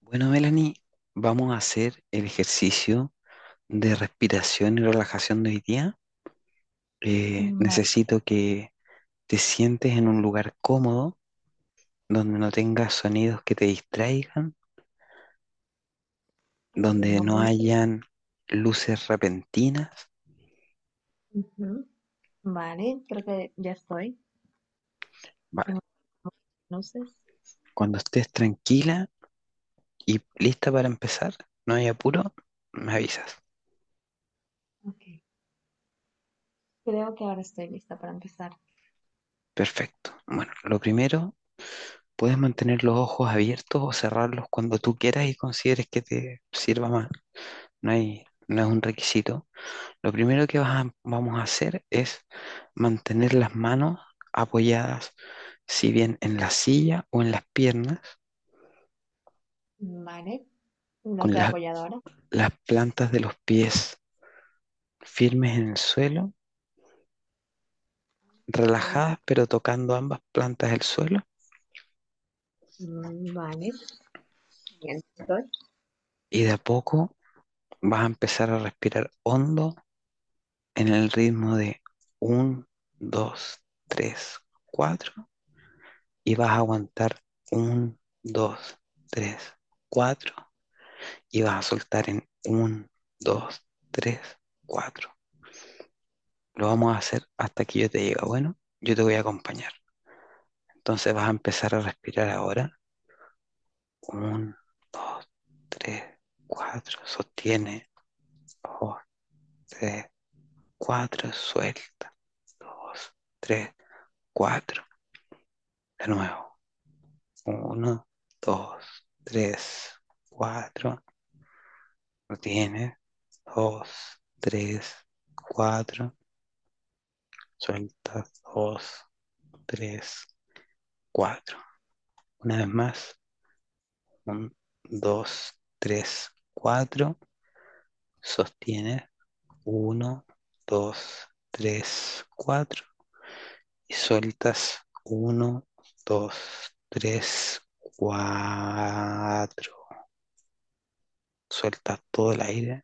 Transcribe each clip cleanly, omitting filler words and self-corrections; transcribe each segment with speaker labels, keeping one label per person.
Speaker 1: Bueno, Melanie, vamos a hacer el ejercicio de respiración y relajación de hoy día.
Speaker 2: Vale,
Speaker 1: Necesito que te sientes en un lugar cómodo, donde no tengas sonidos que te distraigan,
Speaker 2: ok, un
Speaker 1: donde no
Speaker 2: momento.
Speaker 1: hayan luces repentinas.
Speaker 2: Ujú. Vale, creo que ya estoy en
Speaker 1: Vale,
Speaker 2: luces.
Speaker 1: cuando estés tranquila y lista para empezar, no hay apuro, me avisas.
Speaker 2: Ok, creo que ahora estoy lista para empezar.
Speaker 1: Perfecto. Bueno, lo primero, puedes mantener los ojos abiertos o cerrarlos cuando tú quieras y consideres que te sirva más. No hay, no es un requisito. Lo primero que vamos a hacer es mantener las manos apoyadas, si bien en la silla o en las piernas,
Speaker 2: Vale, la
Speaker 1: con
Speaker 2: de
Speaker 1: la-
Speaker 2: apoyadora.
Speaker 1: las plantas de los pies firmes en el suelo, relajadas pero tocando ambas plantas del suelo.
Speaker 2: Mm, vale, bien, estoy.
Speaker 1: Y de a poco vas a empezar a respirar hondo en el ritmo de uno, dos, tres, cuatro, y vas a aguantar uno, dos, tres, cuatro, y vas a soltar en uno, dos, tres, cuatro. Lo vamos a hacer hasta que yo te diga, bueno, yo te voy a acompañar. Entonces vas a empezar a respirar ahora. Uno, dos, tres, cuatro. Sostiene. Dos, tres, cuatro. Suelta. Dos, tres, cuatro. De nuevo. Uno, dos, tres, cuatro. Retienes. Dos, tres, cuatro. Suelta. Dos, tres, cuatro. Una vez más, uno, dos, tres, cuatro. Sostienes uno, dos, tres, cuatro. Y sueltas uno, dos, tres, cuatro. Sueltas todo el aire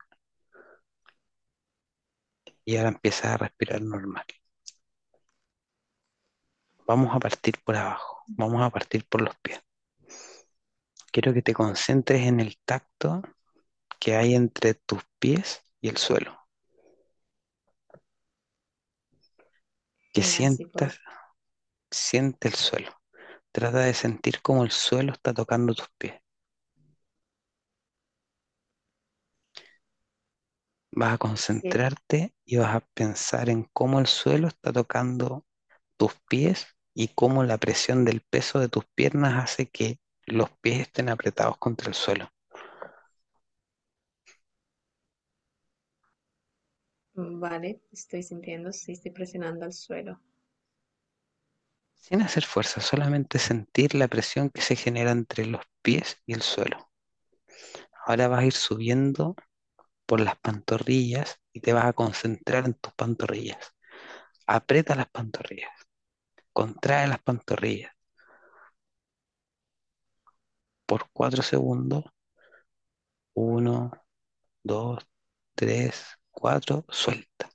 Speaker 1: y ahora empiezas a respirar normal. Vamos a partir por abajo, vamos a partir por los pies. Quiero que te
Speaker 2: Perfecto.
Speaker 1: concentres en el tacto que hay entre tus pies y el suelo, que
Speaker 2: Genial, si puedo.
Speaker 1: sientas, siente el suelo. Trata de sentir cómo el suelo está tocando tus pies. Vas a
Speaker 2: Sí, es-
Speaker 1: concentrarte y vas a pensar en cómo el suelo está tocando tus pies y cómo la presión del peso de tus piernas hace que los pies estén apretados contra el suelo.
Speaker 2: vale, estoy sintiendo, sí, estoy presionando al suelo.
Speaker 1: Sin hacer fuerza, solamente sentir la presión que se genera entre los pies y el suelo. Ahora vas a ir subiendo por las pantorrillas y te vas a concentrar en tus pantorrillas. Aprieta las pantorrillas, contrae las pantorrillas por 4 segundos. Uno, dos, tres, cuatro, suelta.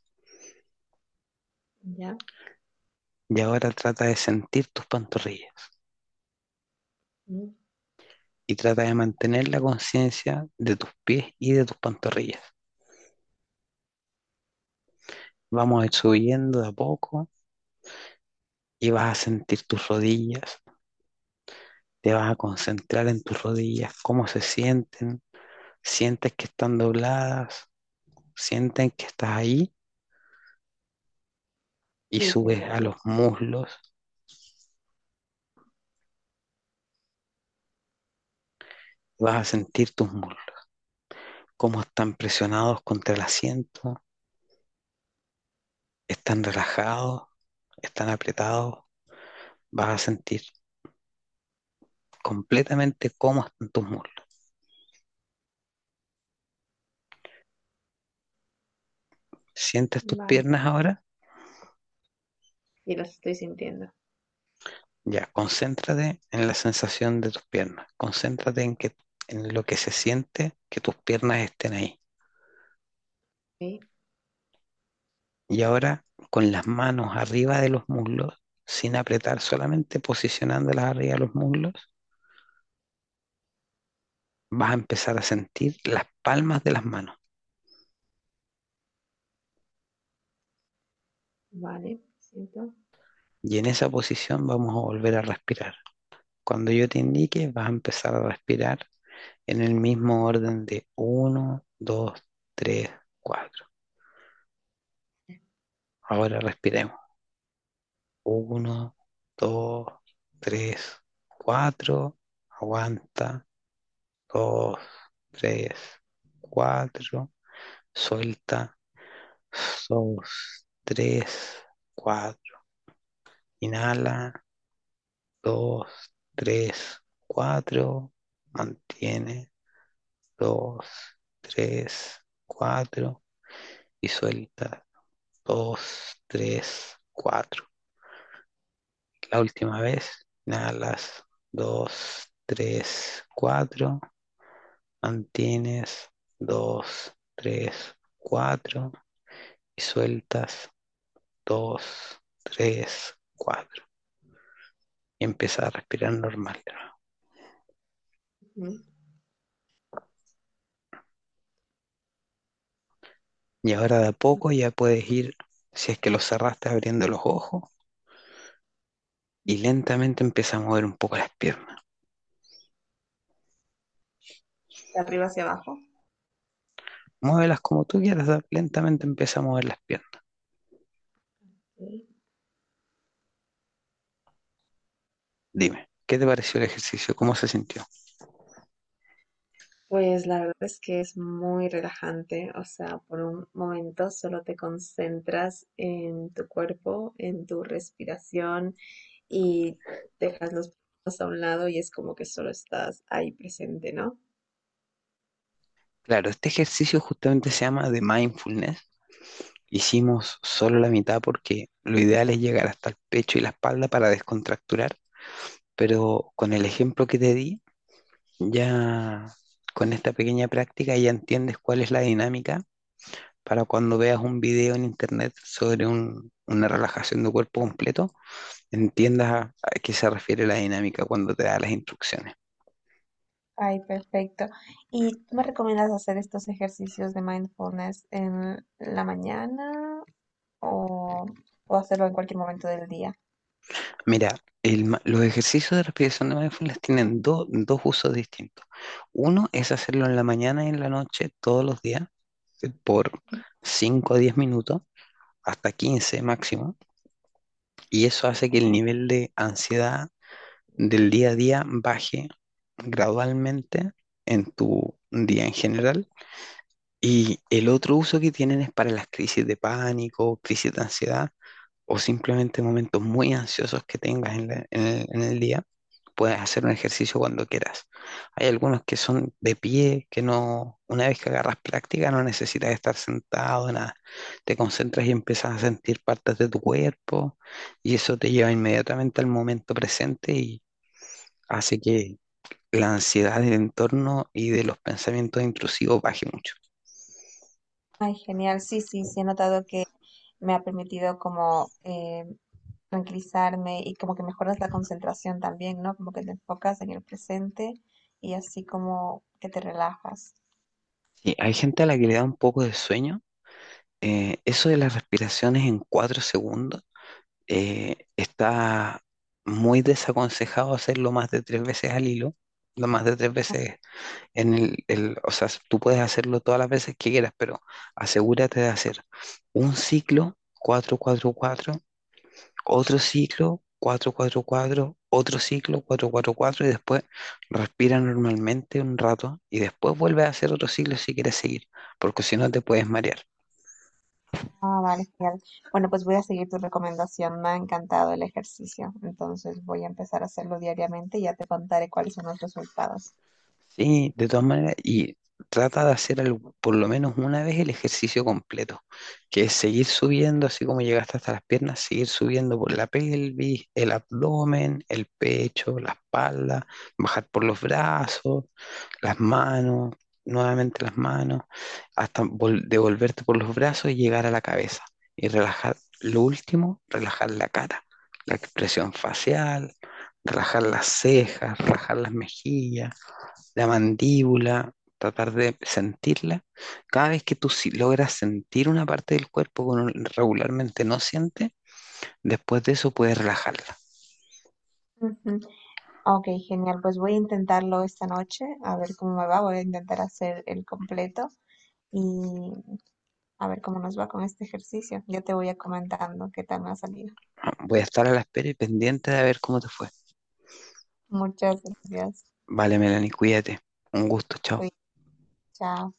Speaker 2: ¿Ya?
Speaker 1: Y ahora trata de sentir tus pantorrillas
Speaker 2: Mm.
Speaker 1: y trata de mantener la conciencia de tus pies y de tus pantorrillas. Vamos a ir subiendo de a poco y vas a sentir tus rodillas, te vas a concentrar en tus rodillas, cómo se sienten, sientes que están dobladas, sienten que estás ahí y
Speaker 2: Sí,
Speaker 1: subes
Speaker 2: siento.
Speaker 1: a
Speaker 2: lo-
Speaker 1: los muslos, vas a sentir tus muslos, cómo están presionados contra el asiento, están relajados, están apretados, vas a sentir completamente cómo están tus muslos. ¿Sientes tus
Speaker 2: Vale,
Speaker 1: piernas ahora?
Speaker 2: sí, las estoy sintiendo.
Speaker 1: Ya, concéntrate en la sensación de tus piernas, concéntrate en, que, en lo que se siente que tus piernas estén ahí.
Speaker 2: Sí,
Speaker 1: Y ahora con las manos arriba de los muslos, sin apretar, solamente posicionándolas arriba de los muslos, vas a empezar a sentir las palmas de las manos.
Speaker 2: vale, siento.
Speaker 1: Y en esa posición vamos a volver a respirar. Cuando yo te indique, vas a empezar a respirar en el mismo orden de uno, dos, tres, cuatro. Ahora respiremos. Uno, dos, tres, cuatro. Aguanta. Dos, tres, cuatro. Suelta. Dos, tres, cuatro. Inhala. Dos, tres, cuatro. Mantiene. Dos, tres, cuatro. Y suelta. Dos, tres, cuatro. La última vez. Inhalas. Dos, tres, cuatro. Mantienes. Dos, tres, cuatro. Y sueltas. Dos, tres, cuatro. Y empiezas a respirar normal de nuevo.
Speaker 2: Ujú.
Speaker 1: Y ahora de a poco ya puedes ir, si es que los cerraste abriendo los ojos, y lentamente empieza a mover un poco las piernas.
Speaker 2: De arriba hacia abajo.
Speaker 1: Muévelas como tú quieras, lentamente empieza a mover las piernas. Dime, ¿qué te pareció el ejercicio? ¿Cómo se sintió?
Speaker 2: Pues la verdad es que es muy relajante, o sea, por un momento solo te concentras en tu cuerpo, en tu respiración y dejas los problemas a un lado y es como que solo estás ahí presente, ¿no?
Speaker 1: Claro, este ejercicio justamente se llama de mindfulness. Hicimos solo la mitad porque lo ideal es llegar hasta el pecho y la espalda para descontracturar, pero con el ejemplo que te di, ya con esta pequeña práctica ya entiendes cuál es la dinámica para cuando veas un video en internet sobre una relajación de cuerpo completo, entiendas a qué se refiere la dinámica cuando te da las instrucciones.
Speaker 2: Ay, perfecto. ¿Y tú me recomiendas hacer estos ejercicios de mindfulness en la mañana o hacerlo en cualquier momento del día?
Speaker 1: Mira, los ejercicios de respiración de mindfulness tienen dos usos distintos. Uno es hacerlo en la mañana y en la noche todos los días por 5 a 10 minutos, hasta 15 máximo, y eso hace que el nivel de ansiedad del día a día baje gradualmente en tu día en general. Y el otro uso que tienen es para las crisis de pánico, crisis de ansiedad, o simplemente momentos muy ansiosos que tengas en en el día, puedes hacer un ejercicio cuando quieras. Hay algunos que son de pie, que no, una vez que agarras práctica, no necesitas estar sentado, nada. Te concentras y empiezas a sentir partes de tu cuerpo y eso te lleva inmediatamente al momento presente y hace que la ansiedad del entorno y de los pensamientos intrusivos baje mucho.
Speaker 2: Ay, genial. Sí, sí, sí, he notado que me ha permitido como tranquilizarme y como que mejoras la concentración también, ¿no? Como que te enfocas en el presente y así como que te relajas.
Speaker 1: Sí, hay gente a la que le da un poco de sueño. Eso de las respiraciones en cuatro segundos está muy desaconsejado hacerlo más de tres veces al hilo, no más de tres veces en o sea, tú puedes hacerlo todas las veces que quieras, pero asegúrate de hacer un ciclo cuatro, cuatro, cuatro, otro ciclo cuatro, cuatro, cuatro, otro ciclo cuatro, cuatro, cuatro y después respira normalmente un rato y después vuelve a hacer otro ciclo si quieres seguir, porque si no te puedes marear.
Speaker 2: Ah, vale, genial. Bueno, pues voy a seguir tu recomendación. Me ha encantado el ejercicio. Entonces voy a empezar a hacerlo diariamente y ya te contaré cuáles son los resultados.
Speaker 1: Sí, de todas maneras, y trata de hacer por lo menos una vez el ejercicio completo, que es seguir subiendo, así como llegaste hasta las piernas, seguir subiendo por la pelvis, el abdomen, el pecho, la espalda, bajar por los brazos, las manos, nuevamente las manos, hasta devolverte por los brazos y llegar a la cabeza. Y relajar, lo último, relajar la cara, la expresión facial, relajar las cejas, relajar las mejillas, la mandíbula, tratar de sentirla. Cada vez que tú si- logras sentir una parte del cuerpo que uno regularmente no siente, después de eso puedes relajarla.
Speaker 2: Ujú. Ok, genial. Pues voy a intentarlo esta noche, a ver cómo me va. Voy a intentar hacer el completo y a ver cómo nos va con este ejercicio. Yo te voy a comentando qué tal me ha salido.
Speaker 1: Voy a estar a la espera y pendiente de ver cómo te fue.
Speaker 2: Muchas gracias.
Speaker 1: Vale, Melanie, cuídate. Un gusto, chao.
Speaker 2: Cuí- Chao.